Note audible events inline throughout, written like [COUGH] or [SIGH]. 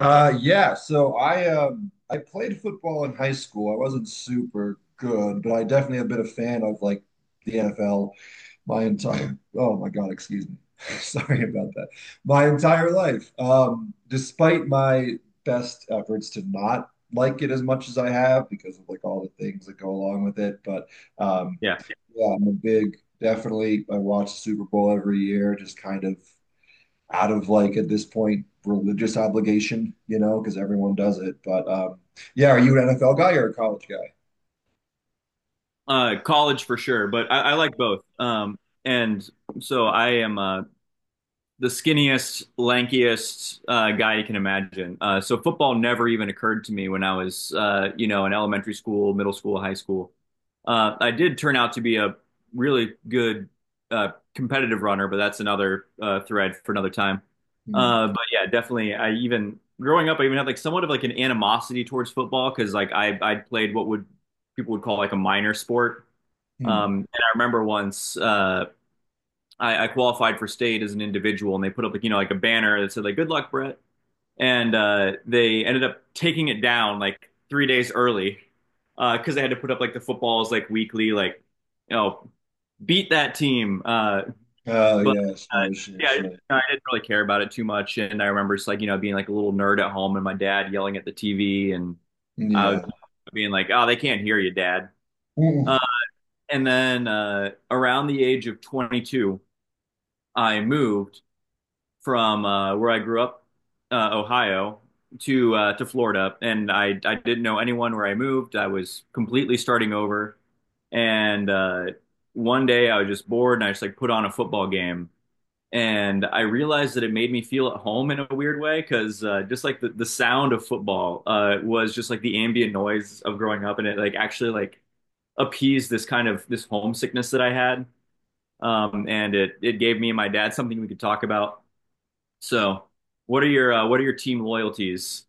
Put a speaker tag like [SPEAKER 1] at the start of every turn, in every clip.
[SPEAKER 1] Yeah. So I played football in high school. I wasn't super good, but I definitely have been a fan of like the NFL my entire. Oh my God, excuse me. [LAUGHS] Sorry about that. My entire life. Despite my best efforts to not like it as much as I have because of like all the things that go along with it, but um,
[SPEAKER 2] Yeah.
[SPEAKER 1] yeah, I'm a big. Definitely, I watch the Super Bowl every year. Just kind of out of like at this point religious obligation, you know, because everyone does it. But yeah, are you an NFL guy or a college guy?
[SPEAKER 2] College for sure, but I like both. And so I am the skinniest, lankiest guy you can imagine. So football never even occurred to me when I was, you know, in elementary school, middle school, high school. I did turn out to be a really good competitive runner, but that's another thread for another time.
[SPEAKER 1] Hmm.
[SPEAKER 2] But yeah, definitely. I even growing up, I even had like somewhat of like an animosity towards football because like I played what would people would call like a minor sport.
[SPEAKER 1] Hmm.
[SPEAKER 2] And I remember once I qualified for state as an individual, and they put up like like a banner that said like "Good luck, Brett," and they ended up taking it down like three days early because they had to put up like the footballs like weekly like you know beat that team.
[SPEAKER 1] Oh
[SPEAKER 2] But
[SPEAKER 1] yeah,
[SPEAKER 2] uh,
[SPEAKER 1] sure, sure,
[SPEAKER 2] yeah, I didn't,
[SPEAKER 1] sure.
[SPEAKER 2] I didn't really care about it too much, and I remember just like being like a little nerd at home and my dad yelling at the TV, and I was
[SPEAKER 1] Yeah.
[SPEAKER 2] being like, "Oh, they can't hear you, Dad." Uh,
[SPEAKER 1] Ooh.
[SPEAKER 2] and then Around the age of 22, I moved from where I grew up, Ohio, to Florida, and I didn't know anyone where I moved. I was completely starting over, and one day I was just bored, and I just like put on a football game, and I realized that it made me feel at home in a weird way because just like the sound of football was just like the ambient noise of growing up, and it like actually like appeased this kind of this homesickness that I had. And it gave me and my dad something we could talk about, so what are your team loyalties?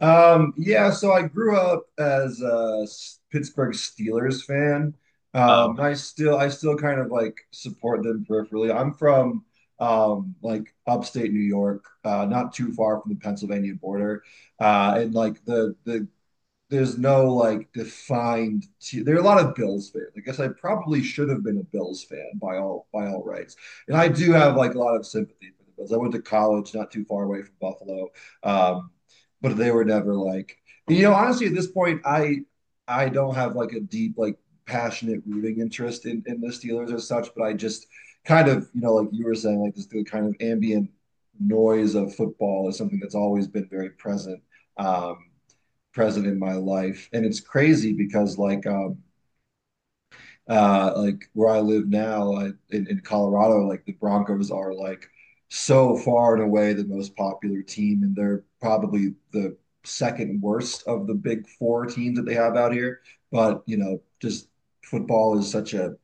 [SPEAKER 1] Yeah, so I grew up as a Pittsburgh Steelers fan.
[SPEAKER 2] Uh-oh.
[SPEAKER 1] I still kind of like support them peripherally. I'm from like upstate New York, not too far from the Pennsylvania border. And like the there's no like defined there are a lot of Bills fans. I guess I probably should have been a Bills fan by all rights. And I do have like a lot of sympathy for the Bills. I went to college not too far away from Buffalo. Um, but they were never like you know, honestly at this point I don't have like a deep like passionate rooting interest in the Steelers as such, but I just kind of, you know, like you were saying, like this the kind of ambient noise of football is something that's always been very present. Um, present in my life. And it's crazy because like where I live now in Colorado, like the Broncos are like so far and away the most popular team, and they're probably the second worst of the big four teams that they have out here. But you know, just football is such a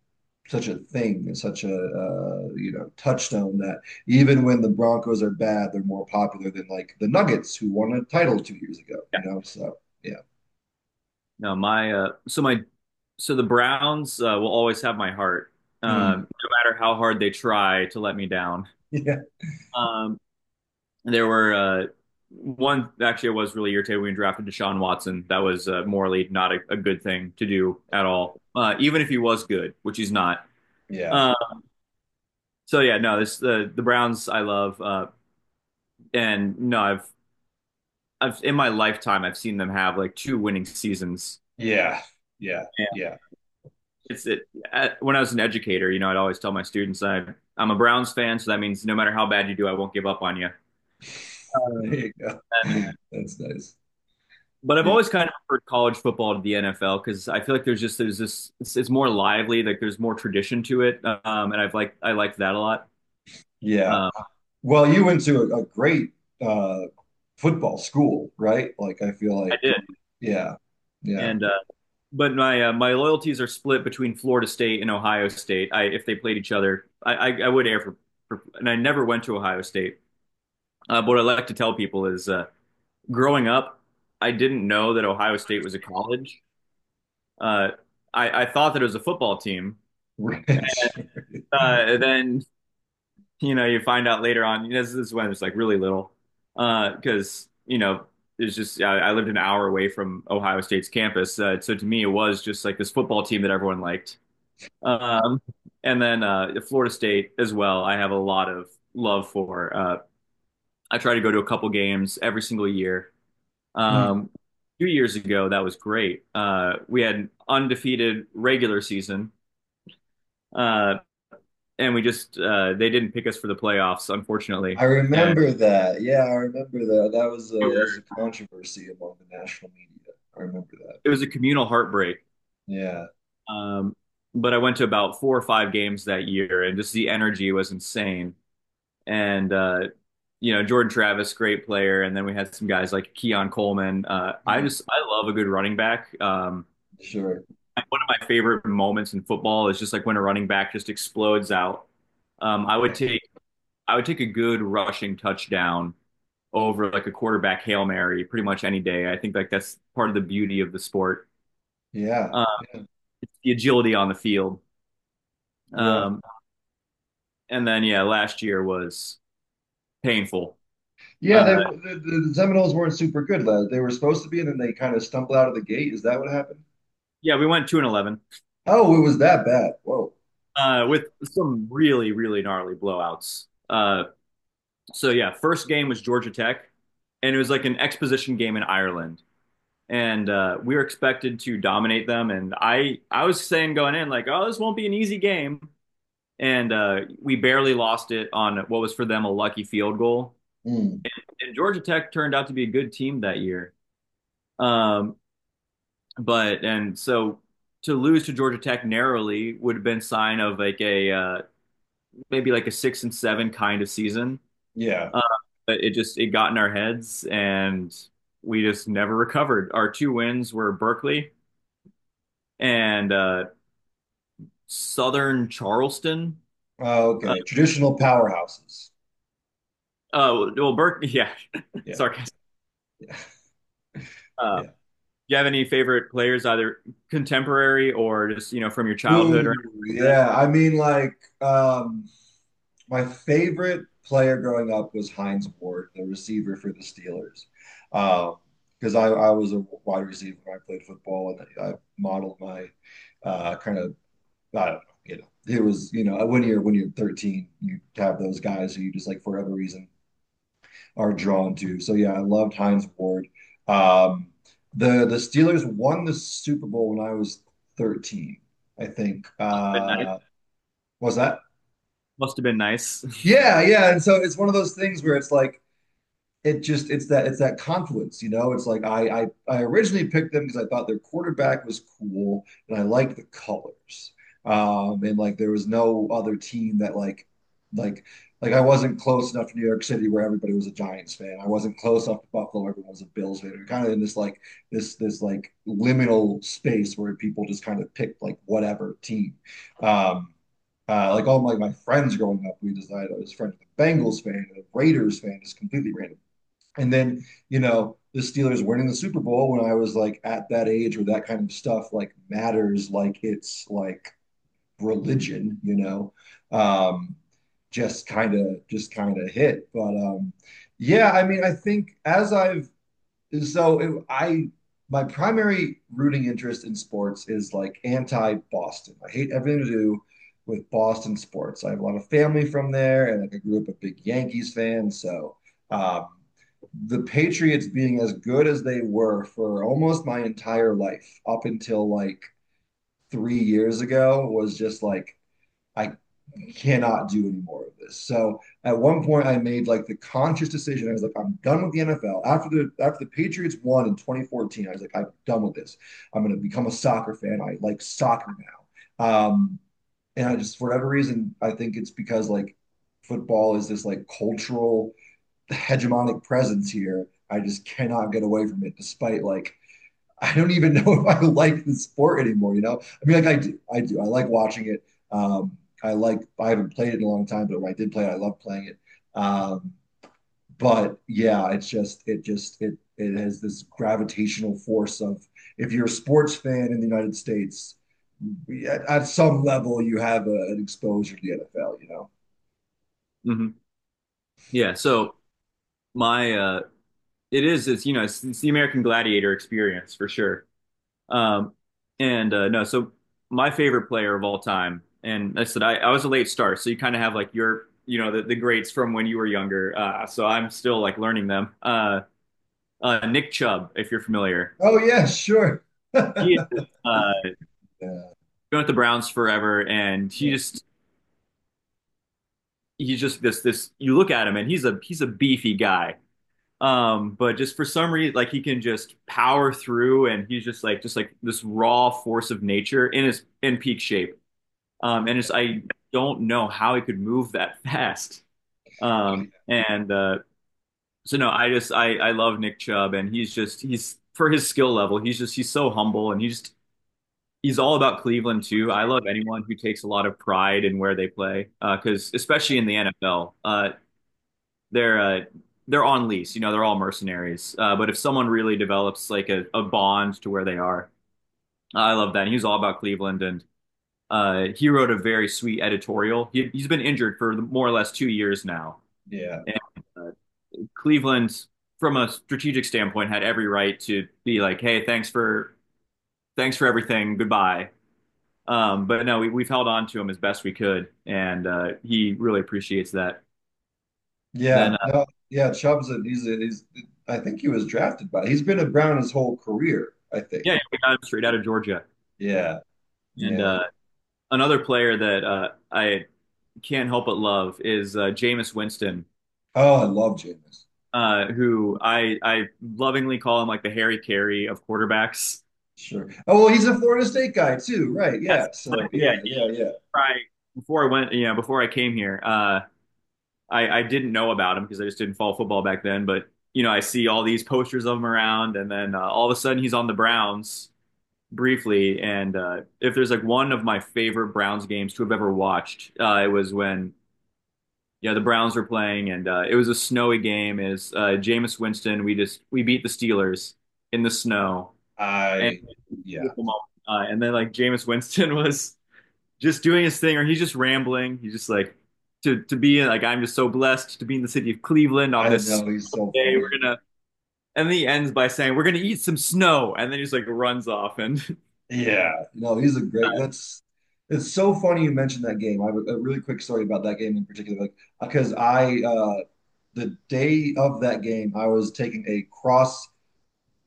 [SPEAKER 1] such a thing and such a you know touchstone that even when the Broncos are bad, they're more popular than like the Nuggets who won a title two years ago. You know, so yeah.
[SPEAKER 2] No, my so my so the Browns will always have my heart,
[SPEAKER 1] Mhm.
[SPEAKER 2] no matter how hard they try to let me down.
[SPEAKER 1] Yeah.
[SPEAKER 2] Um, there were one actually, I was really irritated when we drafted Deshaun Watson. That was morally not a good thing to do at all, even if he was good, which he's not.
[SPEAKER 1] Yeah.
[SPEAKER 2] Uh, so yeah, no, this the Browns I love, and no, I've in my lifetime I've seen them have like two winning seasons.
[SPEAKER 1] Yeah. Yeah. Yeah.
[SPEAKER 2] it's it when I was an educator, you know, I'd always tell my students I I'm a Browns fan, so that means no matter how bad you do, I won't give up on you.
[SPEAKER 1] [LAUGHS] There
[SPEAKER 2] Um,
[SPEAKER 1] you go. [LAUGHS] That's nice.
[SPEAKER 2] but I've
[SPEAKER 1] Yeah.
[SPEAKER 2] always kind of preferred college football to the NFL because I feel like there's just there's this it's more lively, like there's more tradition to it, and I liked that a lot.
[SPEAKER 1] Yeah.
[SPEAKER 2] Um,
[SPEAKER 1] Well, you went to a great uh football school, right? Like I feel
[SPEAKER 2] I
[SPEAKER 1] like
[SPEAKER 2] did,
[SPEAKER 1] yeah. Yeah.
[SPEAKER 2] and but my my loyalties are split between Florida State and Ohio State. I if they played each other, I would air for, and I never went to Ohio State. But what I like to tell people is growing up, I didn't know that Ohio State was a college. Uh, I thought that it was a football team.
[SPEAKER 1] [LAUGHS] Rich.
[SPEAKER 2] Uh, and then, you know, you find out later on, you know, this is when it's like really little, because, you know, I lived an hour away from Ohio State's campus. So to me, it was just like this football team that everyone liked. Um, and then Florida State as well, I have a lot of love for. I try to go to a couple games every single year.
[SPEAKER 1] Mm.
[SPEAKER 2] Um, Two years ago, that was great. We had an undefeated regular season, uh, and we just they didn't pick us for the playoffs, unfortunately,
[SPEAKER 1] I
[SPEAKER 2] and
[SPEAKER 1] remember that. Yeah, I remember that.
[SPEAKER 2] we
[SPEAKER 1] That was
[SPEAKER 2] were-
[SPEAKER 1] a controversy among the national media. I remember that.
[SPEAKER 2] it was a communal heartbreak.
[SPEAKER 1] Yeah.
[SPEAKER 2] Um, but I went to about four or five games that year, and just the energy was insane. And you know, Jordan Travis, great player, and then we had some guys like Keon Coleman.
[SPEAKER 1] Mm.
[SPEAKER 2] I love a good running back.
[SPEAKER 1] Sure.
[SPEAKER 2] Like, one of my favorite moments in football is just like when a running back just explodes out. Um, I would
[SPEAKER 1] Yeah.
[SPEAKER 2] take I would take a good rushing touchdown over like a quarterback Hail Mary pretty much any day. I think like that's part of the beauty of the sport.
[SPEAKER 1] Yeah.
[SPEAKER 2] Uh,
[SPEAKER 1] Yeah.
[SPEAKER 2] it's the agility on the field.
[SPEAKER 1] Yeah.
[SPEAKER 2] Um, and then yeah, last year was painful.
[SPEAKER 1] Yeah, they
[SPEAKER 2] Uh,
[SPEAKER 1] the Seminoles weren't super good. Lad. They were supposed to be, and then they kind of stumbled out of the gate. Is that what happened?
[SPEAKER 2] yeah, we went 2-11
[SPEAKER 1] Oh, it was that bad. Whoa.
[SPEAKER 2] with some really really gnarly blowouts. So yeah, first game was Georgia Tech, and it was like an exposition game in Ireland. And we were expected to dominate them. And I was saying going in like, oh, this won't be an easy game, and we barely lost it on what was for them a lucky field goal.
[SPEAKER 1] Hmm.
[SPEAKER 2] And Georgia Tech turned out to be a good team that year. Um, but and so to lose to Georgia Tech narrowly would have been sign of like a maybe like a six and seven kind of season.
[SPEAKER 1] Yeah.
[SPEAKER 2] Uh, but it got in our heads, and we just never recovered. Our two wins were Berkeley and Southern Charleston.
[SPEAKER 1] Oh,
[SPEAKER 2] Uh,
[SPEAKER 1] okay. Traditional powerhouses.
[SPEAKER 2] oh, well, Burke, yeah, [LAUGHS]
[SPEAKER 1] Yeah.
[SPEAKER 2] sarcastic.
[SPEAKER 1] Yeah.
[SPEAKER 2] Do
[SPEAKER 1] Yeah.
[SPEAKER 2] you have any favorite players, either contemporary or just, you know, from your childhood,
[SPEAKER 1] Ooh,
[SPEAKER 2] or
[SPEAKER 1] yeah. I mean, like, my favorite player growing up was Heinz Ward, the receiver for the Steelers. Um, because I was a wide receiver when I played football, and I modeled my kind of I don't know, you know, it was, you know, when you're 13, you have those guys who you just like for whatever reason are drawn to. So yeah, I loved Heinz Ward. Um, the Steelers won the Super Bowl when I was 13, I think.
[SPEAKER 2] must have been nice?
[SPEAKER 1] Was that?
[SPEAKER 2] Must have been nice.
[SPEAKER 1] Yeah, yeah. And so it's one of those things where it's like it's that confluence, you know. It's like I originally picked them because I thought their quarterback was cool and I liked the colors. And like there was no other team that like like I wasn't close enough to New York City where everybody was a Giants fan. I wasn't close enough to Buffalo where everyone was a Bills fan. We are kind of in this like liminal space where people just kind of picked like whatever team. Um, like all my friends growing up, we decided I was friends with a Bengals fan and a Raiders fan, just completely random. And then, you know, the Steelers winning the Super Bowl when I was like at that age where that kind of stuff like matters, like it's like religion, you know, um, just kind of hit. But yeah, I mean, I think as I've so it, I my primary rooting interest in sports is like anti-Boston. I hate everything to do with Boston sports. I have a lot of family from there, and like I grew up a big Yankees fan. So um, the Patriots being as good as they were for almost my entire life up until like three years ago was just like I cannot do any more of this. So at one point, I made like the conscious decision. I was like, I'm done with the NFL. After the Patriots won in 2014, I was like, I'm done with this. I'm going to become a soccer fan. I like soccer now. And I just, for whatever reason, I think it's because like football is this like cultural hegemonic presence here. I just cannot get away from it, despite like I don't even [LAUGHS] know if I like the sport anymore. You know, I mean, like I do, I like watching it. Um, I like, I haven't played it in a long time, but when I did play it, I love playing it. Um, but yeah, it's just, it has this gravitational force of if you're a sports fan in the United States, at some level, you have an exposure to the NFL. You know?
[SPEAKER 2] [LAUGHS] hmm Yeah, so my it is, it's, you know, it's the American Gladiator experience for sure. Um and No, so my favorite player of all time, and I said I was a late start, so you kind of have like your, you know, the greats from when you were younger. So I'm still like learning them. Nick Chubb, if you're familiar.
[SPEAKER 1] Oh yeah, sure. [LAUGHS] Yeah,
[SPEAKER 2] He is, uh,
[SPEAKER 1] yeah,
[SPEAKER 2] been with the Browns forever, and he
[SPEAKER 1] yeah.
[SPEAKER 2] just he's just this this. You look at him, and he's a beefy guy. But just for some reason, like he can just power through, and he's just like this raw force of nature in his in peak shape. And just I don't know how he could move that [LAUGHS] fast. And so no, I just I love Nick Chubb, and he's just he's for his skill level, he's so humble, and he's all about Cleveland too. I love anyone who takes a lot of pride in where they play, because especially in the NFL, they're uh, they're on lease. You know, they're all mercenaries. But if someone really develops like a bond to where they are, I love that. And he all about Cleveland, and he wrote a very sweet editorial. He's been injured for more or less two years now,
[SPEAKER 1] Yeah.
[SPEAKER 2] and uh, Cleveland, from a strategic standpoint, had every right to be like, "Hey, thanks for." Thanks for everything. Goodbye. But no, we've held on to him as best we could, and he really appreciates that. Then,
[SPEAKER 1] Yeah,
[SPEAKER 2] uh,
[SPEAKER 1] no, yeah, Chubb's a, he's I think he was drafted by he's been a Brown his whole career, I think.
[SPEAKER 2] yeah, we got him straight out of Georgia.
[SPEAKER 1] Yeah,
[SPEAKER 2] And
[SPEAKER 1] yeah, yeah.
[SPEAKER 2] another player that I can't help but love is Jameis Winston,
[SPEAKER 1] Oh, I love Jameis.
[SPEAKER 2] who I lovingly call him like the Harry Carey of quarterbacks.
[SPEAKER 1] Sure. Oh, well, he's a Florida State guy too, right?
[SPEAKER 2] Yes,
[SPEAKER 1] Yeah. So
[SPEAKER 2] exactly. Yeah.
[SPEAKER 1] yeah, yeah, yeah.
[SPEAKER 2] I, before I went, Yeah, before I came here, I didn't know about him because I just didn't follow football back then. But you know, I see all these posters of him around, and then all of a sudden he's on the Browns briefly, and if there's like one of my favorite Browns games to have ever watched, it was when yeah the Browns were playing, and it was a snowy game. Is Jameis Winston? We beat the Steelers in the snow, and
[SPEAKER 1] I Yeah,
[SPEAKER 2] beautiful moment. And then like Jameis Winston [LAUGHS] was just doing his thing, or he's just rambling. He's just like to be like I'm just so blessed to be in the city of Cleveland on
[SPEAKER 1] I
[SPEAKER 2] this
[SPEAKER 1] know he's
[SPEAKER 2] snowy
[SPEAKER 1] so
[SPEAKER 2] day. We're
[SPEAKER 1] funny.
[SPEAKER 2] gonna. And then he ends by saying, "We're gonna eat some snow," and then he just like runs off, and [LAUGHS]
[SPEAKER 1] Yeah, no, he's a great. That's It's so funny you mentioned that game. I have a really quick story about that game in particular, like because I the day of that game, I was taking a cross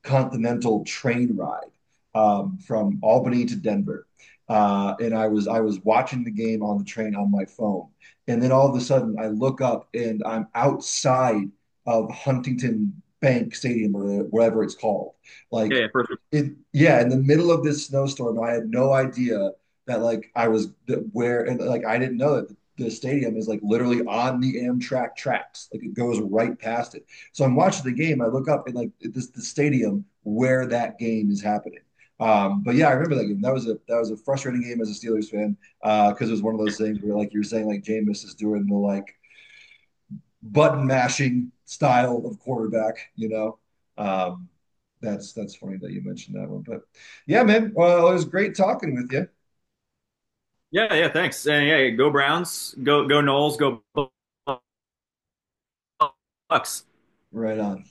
[SPEAKER 1] continental train ride from Albany to Denver. And I was watching the game on the train on my phone, and then all of a sudden I look up and I'm outside of Huntington Bank Stadium or whatever it's called.
[SPEAKER 2] yeah,
[SPEAKER 1] Like,
[SPEAKER 2] yeah, perfect.
[SPEAKER 1] it yeah, in the middle of this snowstorm, I had no idea that like I was where and like I didn't know that the stadium is like literally on the Amtrak tracks. Like it goes right past it. So I'm watching the game. I look up and like this the stadium where that game is happening. But yeah, I remember that game. That was a frustrating game as a Steelers fan because it was one of those things where like you were saying like Jameis is doing the like button mashing style of quarterback. You know, um, that's funny that you mentioned that one. But yeah, man, well, it was great talking with you.
[SPEAKER 2] Yeah, yeah, thanks. And yeah, go Browns, go go Knowles, go Bucks.
[SPEAKER 1] Right on.